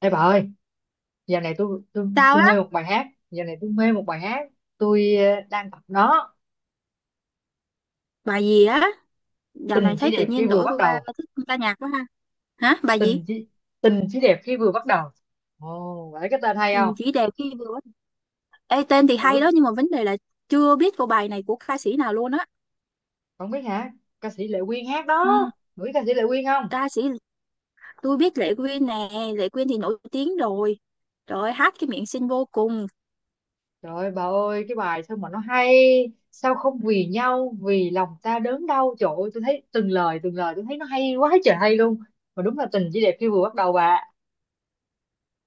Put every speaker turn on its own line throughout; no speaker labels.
Ê bà ơi, giờ này tôi tôi
Tao
tôi
á,
mê một bài hát, giờ này tôi mê một bài hát, tôi đang tập nó,
bà gì á, dạo này
tình chỉ
thấy tự
đẹp khi
nhiên
vừa
đổi
bắt
qua
đầu,
thích ca nhạc quá ha. Hả, bà gì?
tình chỉ tình chỉ đẹp khi vừa bắt đầu. Ồ, phải cái tên hay không?
Tình chỉ đẹp khi vừa. Ê, tên thì hay
Ừ,
đó nhưng mà vấn đề là chưa biết cô bài này của ca sĩ nào luôn á.
không biết hả? Ca sĩ Lệ Quyên hát
Ừ,
đó. Bà biết ca sĩ Lệ Quyên không?
ca sĩ tôi biết Lệ Quyên nè, Lệ Quyên thì nổi tiếng rồi. Rồi hát cái miệng xinh vô cùng.
Trời ơi, bà ơi, cái bài sao mà nó hay, sao không vì nhau, vì lòng ta đớn đau, trời ơi, tôi thấy từng lời tôi thấy nó hay quá trời hay luôn. Mà đúng là tình chỉ đẹp khi vừa bắt đầu bà.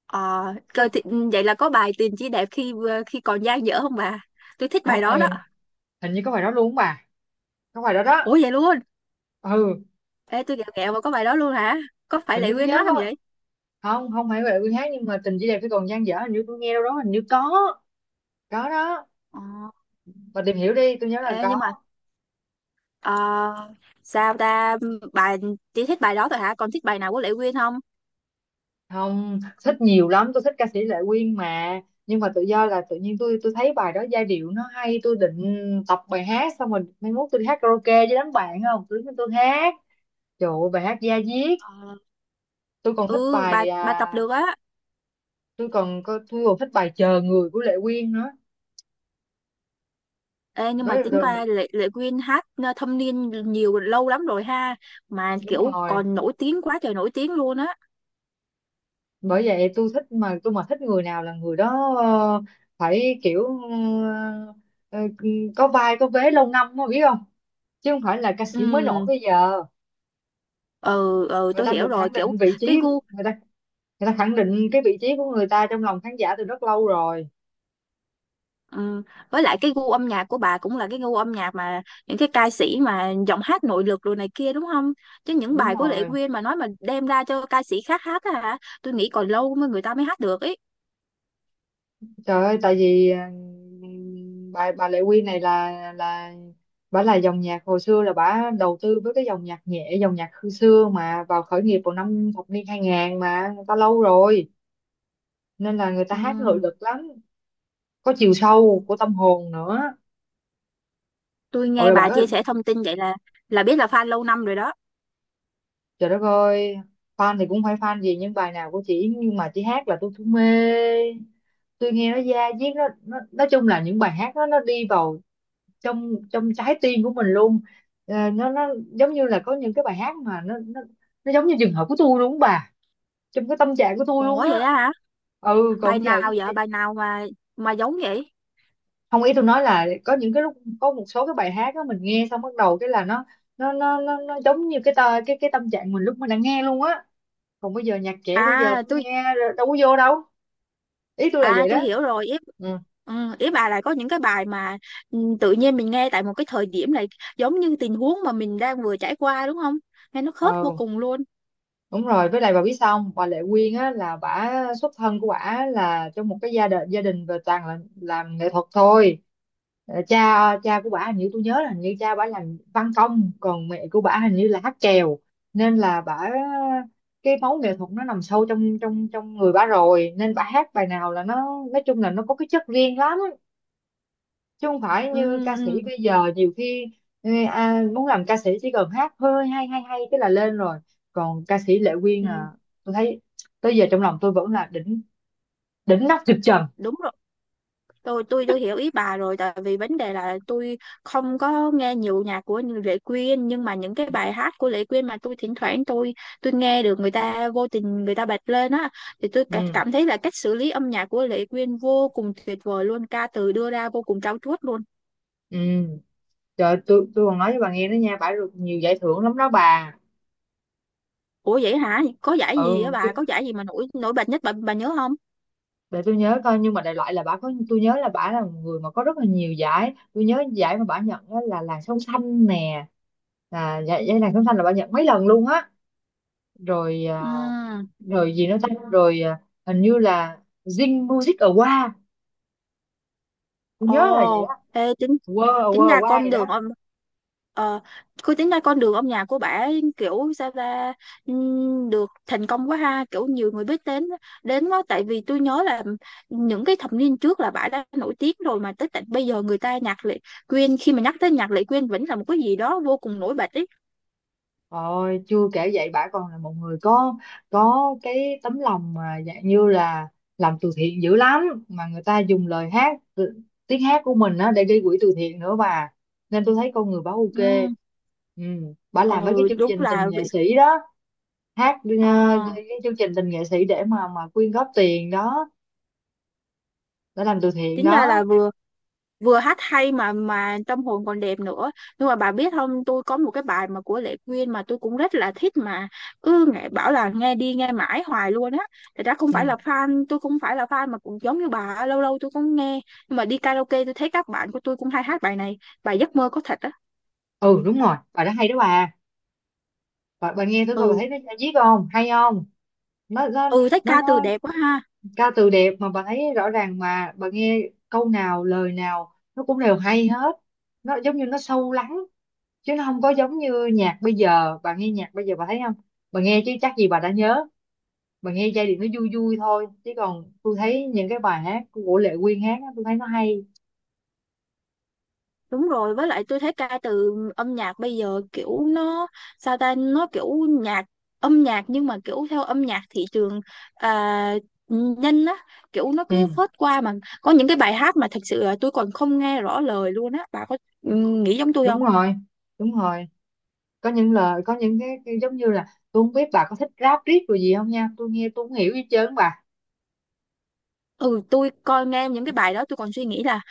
Ờ,
Sao
coi thì, ừ, vậy là có bài Tình chỉ đẹp khi vừa khi còn dang dở không bà? Tôi thích bài
có
đó đó.
hình như có bài đó luôn không bà? Có bài đó đó.
Ủa vậy luôn?
ừ
Ê, tôi gẹo gẹo mà có bài đó luôn hả? Có phải
hình như
Lệ
tôi
Quyên
nhớ
hát không
không
vậy?
không không phải Huệ Vương hát nhưng mà tình chỉ đẹp khi còn dang dở hình như tôi nghe đâu đó hình như có đó,
Ờ,
mà tìm hiểu đi tôi nhớ là
ê, nhưng mà.
có.
Ờ, sao ta, bà chỉ thích bài đó thôi hả, còn thích bài nào của Lệ Quyên không?
Không thích nhiều lắm, tôi thích ca sĩ Lệ Quyên mà, nhưng mà tự do là tự nhiên tôi thấy bài đó giai điệu nó hay, tôi định tập bài hát xong rồi mai mốt tôi đi hát karaoke với đám bạn, không tôi đứng tôi hát, trời ơi bài hát da diết.
Ờ,
Tôi còn thích
ừ, bà
bài
bà tập được á.
tôi còn thích bài Chờ Người của Lệ Quyên nữa.
Ê, nhưng mà
Đó, đó,
tính qua Lệ Quyên hát thâm niên nhiều lâu lắm rồi ha, mà
đúng
kiểu
rồi,
còn nổi tiếng quá trời nổi tiếng luôn á.
bởi vậy tôi thích mà, tôi mà thích người nào là người đó phải kiểu ờ, ờ, có vai có vế lâu năm mà biết không, chứ không phải là ca sĩ mới nổi
Ừ,
bây giờ.
ừ, ừ,
Người
tôi
ta
hiểu
được
rồi,
khẳng
kiểu
định vị
cái
trí,
gu.
người ta người ta khẳng định cái vị trí của người ta trong lòng khán giả từ rất lâu rồi.
Ừ. Với lại cái gu âm nhạc của bà cũng là cái gu âm nhạc mà những cái ca sĩ mà giọng hát nội lực rồi này kia đúng không? Chứ những
Đúng
bài của Lệ
rồi,
Quyên mà nói mà đem ra cho ca sĩ khác hát á hả? Tôi nghĩ còn lâu mới người ta mới hát được ấy.
trời ơi tại vì bà Lệ Quyên này là bà là dòng nhạc hồi xưa, là bà đầu tư với cái dòng nhạc nhẹ, dòng nhạc hồi xưa mà, vào khởi nghiệp vào năm thập niên 2000 mà, người ta lâu rồi nên là người ta
Ừ.
hát nội lực lắm, có chiều sâu của tâm hồn nữa.
Tôi
Ôi
nghe
là bà
bà
có,
chia sẻ thông tin vậy là biết là fan lâu năm rồi đó.
trời đất ơi, fan thì cũng phải fan gì, nhưng bài nào của chị, nhưng mà chị hát là tôi cũng mê. Tôi nghe nó da diết, nó nói chung là những bài hát đó nó đi vào trong trong trái tim của mình luôn. Ờ, nó giống như là có những cái bài hát mà nó giống như trường hợp của tôi luôn á bà, trong cái tâm trạng của tôi luôn
Ủa
á.
vậy đó hả?
Ừ,
Bài
còn giờ
nào vậy? Bài nào mà giống vậy?
không, ý tôi nói là có những cái lúc, có một số cái bài hát đó mình nghe xong bắt đầu cái là nó giống như cái tờ, cái tâm trạng mình lúc mình đang nghe luôn á. Còn bây giờ nhạc trẻ bây giờ
À,
tôi
tôi.
nghe đâu có vô đâu, ý tôi là
À
vậy
tôi
đó.
hiểu rồi ý,
Ừ,
ừ, ý bà là có những cái bài mà, ừ, tự nhiên mình nghe tại một cái thời điểm này giống như tình huống mà mình đang vừa trải qua đúng không? Nghe nó khớp vô
ờ,
cùng luôn.
đúng rồi, với lại bà biết sao không, bà Lệ Quyên á là bả, xuất thân của bả là trong một cái gia đình, gia đình về toàn là làm nghệ thuật thôi. Ờ, cha cha của bả hình như tôi nhớ là hình như cha bả làm văn công, còn mẹ của bả hình như là hát chèo, nên là bả, cái máu nghệ thuật nó nằm sâu trong trong trong người bả rồi, nên bả hát bài nào là nó, nói chung là nó có cái chất riêng lắm, chứ không phải
Ừ,
như ca sĩ
ừ,
bây giờ nhiều khi muốn làm ca sĩ chỉ cần hát hơi hay hay hay cái là lên rồi. Còn ca sĩ Lệ Quyên
ừ,
tôi thấy tới giờ trong lòng tôi vẫn là đỉnh, đỉnh nóc trực trần.
đúng rồi. Tôi hiểu ý bà rồi tại vì vấn đề là tôi không có nghe nhiều nhạc của Lệ Quyên, nhưng mà những cái bài hát của Lệ Quyên mà tôi thỉnh thoảng tôi nghe được, người ta vô tình người ta bật lên á, thì tôi
ừ
cảm thấy là cách xử lý âm nhạc của Lệ Quyên vô cùng tuyệt vời luôn, ca từ đưa ra vô cùng trau chuốt luôn.
ừ Trời ơi, tôi còn nói với bà nghe đó nha, bà được nhiều giải thưởng lắm đó bà.
Ủa vậy hả? Có giải gì á
ừ chứ-
bà? Có giải gì mà nổi nổi bật nhất bà nhớ không?
để tôi nhớ coi, nhưng mà đại loại là bà có, tôi nhớ là bà là một người mà có rất là nhiều giải, tôi nhớ giải mà bà nhận đó là Làn Sóng Xanh nè, là giải, giải Làn Sóng Xanh là bà nhận mấy lần luôn á. Rồi
Ừ.
rồi gì nữa ta, rồi hình như là Zing Music Award, tôi nhớ là vậy
Ồ,
đó.
ê, tính
Wow
tính
Award,
ra
Award
con
gì
đường
đó.
ông ờ cứ tính ra con đường âm nhạc của bà ấy, kiểu sao ta, được thành công quá ha, kiểu nhiều người biết đến đến quá, tại vì tôi nhớ là những cái thập niên trước là bà đã nổi tiếng rồi mà tới tận bây giờ, người ta nhạc Lệ Quyên khi mà nhắc tới nhạc Lệ Quyên vẫn là một cái gì đó vô cùng nổi bật ấy.
Rồi chưa kể vậy bả còn là một người có cái tấm lòng mà dạng như là làm từ thiện dữ lắm, mà người ta dùng lời hát tiếng hát của mình á để gây quỹ từ thiện nữa bà, nên tôi thấy con người bả ok.
Ừ,
Ừ, bả làm mấy cái
ừ,
chương
đúng
trình tình
là
nghệ sĩ đó, hát
ờ
cái chương trình tình nghệ sĩ để mà quyên góp tiền đó, để làm từ thiện
tính ra là
đó.
vừa vừa hát hay mà tâm hồn còn đẹp nữa, nhưng mà bà biết không, tôi có một cái bài mà của Lệ Quyên mà tôi cũng rất là thích mà cứ nghe bảo là nghe đi nghe mãi hoài luôn á. Thật ra không phải là
Ừ,
fan, tôi cũng phải là fan mà cũng giống như bà, lâu lâu tôi cũng nghe, nhưng mà đi karaoke tôi thấy các bạn của tôi cũng hay hát bài này, bài Giấc mơ có thật á.
ừ, đúng rồi bài đó hay đó bà. Bà nghe tôi coi bà
Ừ,
thấy nó viết không hay không, nó
ừ, thấy ca từ
nó
đẹp quá ha.
ca từ đẹp mà, bà thấy rõ ràng mà, bà nghe câu nào lời nào nó cũng đều hay hết, nó giống như nó sâu lắng, chứ nó không có giống như nhạc bây giờ. Bà nghe nhạc bây giờ bà thấy không, bà nghe chứ chắc gì bà đã nhớ, bà nghe giai điệu nó vui vui thôi, chứ còn tôi thấy những cái bài hát của Lệ Quyên hát á, tôi thấy nó hay.
Đúng rồi, với lại tôi thấy ca từ âm nhạc bây giờ kiểu nó sao ta, nó kiểu nhạc, âm nhạc nhưng mà kiểu theo âm nhạc thị trường, à, nhanh á, kiểu nó cứ
Ừ,
phớt qua mà có những cái bài hát mà thật sự là tôi còn không nghe rõ lời luôn á, bà có, ừ, nghĩ giống tôi không?
đúng rồi, đúng rồi, có những lời có cái giống như là, tôi không biết bà có thích rap riết rồi gì không nha, tôi nghe tôi không hiểu gì hết trơn bà.
Ừ, tôi coi nghe những cái bài đó tôi còn suy nghĩ là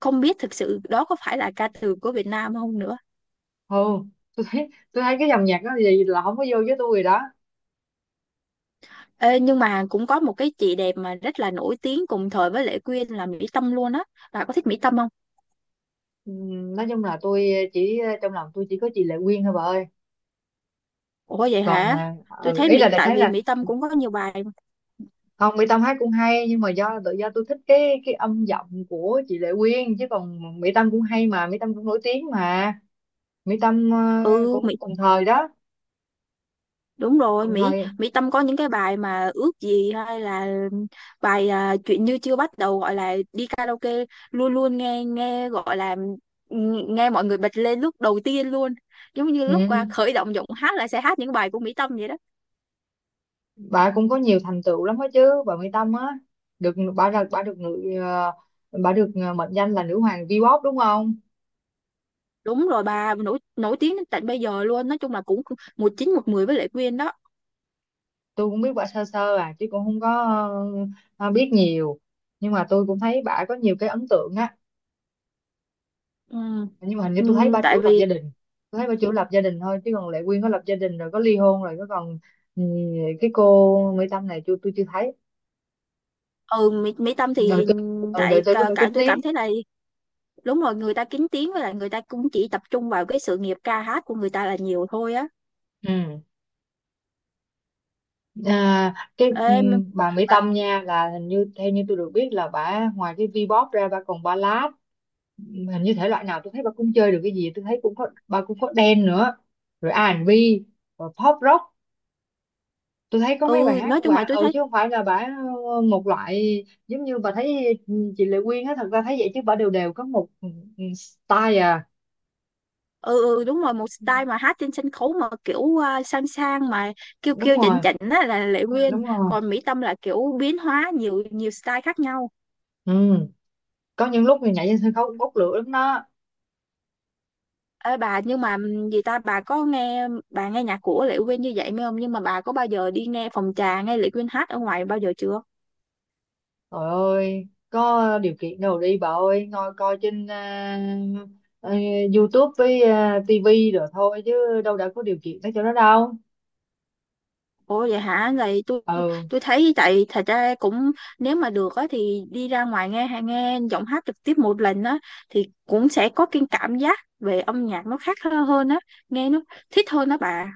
không biết thực sự đó có phải là ca từ của Việt Nam không nữa.
Ừ, tôi thấy cái dòng nhạc đó gì là không có vô với tôi rồi đó.
Ê, nhưng mà cũng có một cái chị đẹp mà rất là nổi tiếng cùng thời với Lệ Quyên là Mỹ Tâm luôn á. Bà có thích Mỹ Tâm không?
Nói chung là tôi chỉ trong lòng tôi chỉ có chị Lệ Quyên thôi bà ơi,
Ủa vậy
còn
hả? Tôi
ừ,
thấy
ý
Mỹ,
là đại
tại
khái
vì
là
Mỹ Tâm cũng có nhiều bài.
không, Mỹ Tâm hát cũng hay, nhưng mà do tự do tôi thích cái âm giọng của chị Lệ Quyên, chứ còn Mỹ Tâm cũng hay mà, Mỹ Tâm cũng nổi tiếng mà, Mỹ Tâm
Ừ, Mỹ,
cũng cùng thời đó,
đúng rồi,
cùng
Mỹ
thời.
Mỹ Tâm có những cái bài mà ước gì, hay là bài à, chuyện như chưa bắt đầu, gọi là đi karaoke luôn luôn nghe nghe gọi là nghe mọi người bật lên lúc đầu tiên luôn. Giống như lúc à,
Ừ,
khởi động giọng hát là sẽ hát những bài của Mỹ Tâm vậy đó.
bà cũng có nhiều thành tựu lắm đó chứ bà Mỹ Tâm á, được bà ra bà được người bà được mệnh danh là nữ hoàng V-pop đúng không.
Đúng rồi, bà nổi nổi tiếng đến tận bây giờ luôn, nói chung là cũng một chín một mười với Lệ Quyên đó.
Tôi cũng biết bà sơ sơ à, chứ cũng không có ờ, biết nhiều, nhưng mà tôi cũng thấy bà có nhiều cái ấn tượng á,
Ừ.
nhưng mà hình như tôi thấy
Ừ,
bà
tại
chủ lập
vì
gia đình. Tôi thấy bà chủ lập gia đình thôi, chứ còn Lệ Quyên có lập gia đình rồi có ly hôn rồi có còn, ừ, cái cô Mỹ Tâm này tôi chưa thấy
ừ Mỹ Tâm
đời
thì
tôi, ừ, đời
tại
tôi có
cả,
phải
cả
kín
tôi
tiếng.
cảm thấy là đúng rồi, người ta kín tiếng, với lại người ta cũng chỉ tập trung vào cái sự nghiệp ca hát của người ta là nhiều thôi á.
Ừ, À, cái
Ê, mà-,
bà Mỹ
à,
Tâm nha là hình như theo như tôi được biết là bà ngoài cái V-pop ra bà còn ballad. Hình như thể loại nào tôi thấy bà cũng chơi được, cái gì tôi thấy cũng có, bà cũng có dance nữa, rồi R&B, rồi pop rock, tôi thấy có mấy bài
ừ,
hát
nói
của
chung là
bà,
tôi
ừ,
thấy
chứ không phải là bà một loại, giống như bà thấy chị Lệ Quyên á, thật ra thấy vậy chứ bà đều đều có một style à.
ừ, ừ, đúng rồi, một
Ừ,
style mà hát trên sân khấu mà kiểu à, sang sang mà kêu
đúng
kêu
rồi,
chỉnh chỉnh á là Lệ
Ừ,
Quyên,
đúng rồi,
còn Mỹ Tâm là kiểu biến hóa nhiều nhiều style khác nhau.
ừ, có những lúc thì nhảy trên sân khấu cũng bốc lửa lắm đó.
Ê bà, nhưng mà gì ta, bà nghe nhạc của Lệ Quyên như vậy mới không, nhưng mà bà có bao giờ đi nghe phòng trà nghe Lệ Quyên hát ở ngoài bao giờ chưa?
Trời ơi, có điều kiện đâu đi bà ơi, ngồi coi trên à, YouTube với TV rồi thôi, chứ đâu đã có điều kiện tới chỗ đó đâu.
Ủa vậy hả? Vậy tôi
Ừ,
tôi thấy tại thật ra cũng nếu mà được á thì đi ra ngoài nghe hay nghe giọng hát trực tiếp một lần á thì cũng sẽ có cái cảm giác về âm nhạc nó khác hơn hơn á, nghe nó thích hơn đó bà.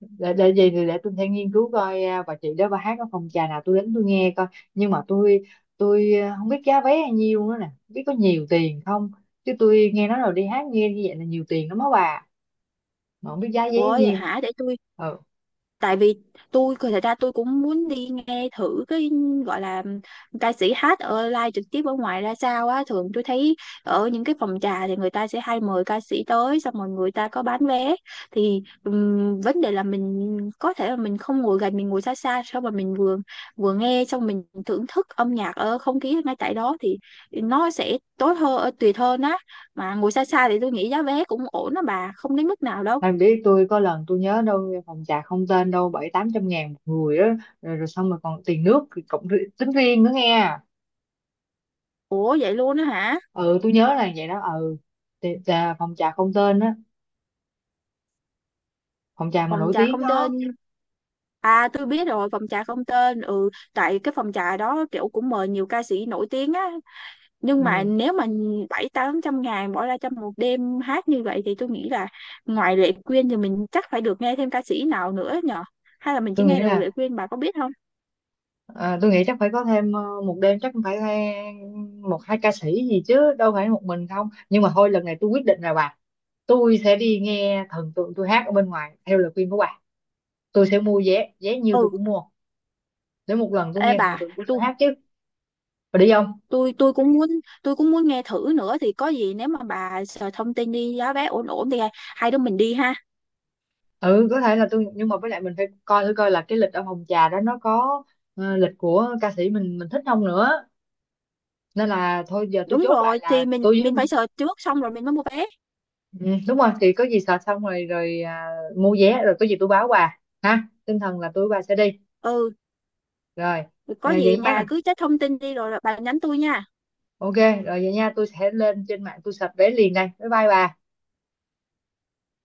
để gì thì để tôi sẽ nghiên cứu coi bà chị đó bà hát ở phòng trà nào tôi đến tôi nghe coi. Nhưng mà tôi không biết giá vé bao nhiêu nữa nè, không biết có nhiều tiền không. Chứ tôi nghe nói rồi đi hát nghe như vậy là nhiều tiền lắm á bà, mà không biết giá vé
Ủa
bao
vậy
nhiêu.
hả? Để tôi,
Ừ.
tại vì tôi thật ra tôi cũng muốn đi nghe thử cái gọi là ca sĩ hát ở live trực tiếp ở ngoài ra sao á, thường tôi thấy ở những cái phòng trà thì người ta sẽ hay mời ca sĩ tới xong rồi người ta có bán vé, thì vấn đề là mình có thể là mình không ngồi gần, mình ngồi xa xa xong mà mình vừa vừa nghe xong mình thưởng thức âm nhạc ở không khí ngay tại đó thì nó sẽ tốt hơn tuyệt hơn á, mà ngồi xa xa thì tôi nghĩ giá vé cũng ổn đó bà, không đến mức nào đâu.
Em biết tôi có lần tôi nhớ đâu phòng trà Không Tên đâu bảy tám trăm ngàn một người đó, rồi, rồi xong rồi còn tiền nước thì tính riêng nữa nghe.
Ủa vậy luôn á hả?
Ừ, tôi nhớ là vậy đó. Ừ, thì, phòng trà Không Tên á, phòng trà mà
Phòng
nổi
trà
tiếng
Không Tên,
đó.
à tôi biết rồi, phòng trà Không Tên. Ừ, tại cái phòng trà đó kiểu cũng mời nhiều ca sĩ nổi tiếng á, nhưng mà
Ừ,
nếu mà 700-800 ngàn bỏ ra trong một đêm hát như vậy thì tôi nghĩ là ngoài Lệ Quyên thì mình chắc phải được nghe thêm ca sĩ nào nữa nhở, hay là mình chỉ
tôi nghĩ
nghe được
là
Lệ Quyên, bà có biết không?
tôi nghĩ chắc phải có thêm một đêm chắc cũng phải một hai ca sĩ gì chứ đâu phải một mình không. Nhưng mà thôi lần này tôi quyết định rồi bà, tôi sẽ đi nghe thần tượng tôi hát ở bên ngoài theo lời khuyên của bà. Tôi sẽ mua vé, vé nhiêu tôi
Ừ,
cũng mua để một lần tôi
ê
nghe
bà,
thần tượng của tôi hát chứ, và đi không.
tôi tôi cũng muốn tôi cũng muốn nghe thử nữa, thì có gì nếu mà bà sợ thông tin đi giá vé ổn ổn thì hai đứa mình đi ha.
Ừ, có thể là tôi, nhưng mà với lại mình phải coi thử coi là cái lịch ở phòng trà đó nó có lịch của ca sĩ mình thích không nữa, nên là thôi giờ tôi
Đúng
chốt lại
rồi, thì
là
mình
tôi với.
mình phải search trước xong rồi mình mới mua vé.
Ừ, đúng rồi, thì có gì sợ xong rồi rồi à, mua vé rồi có gì tôi báo bà ha, tinh thần là tôi và sẽ đi
Ừ,
rồi.
có gì
Vậy
bà
nha,
cứ check thông tin đi rồi bà nhắn tôi nha.
ok rồi vậy nha, tôi sẽ lên trên mạng tôi search vé liền đây, bye bye bà.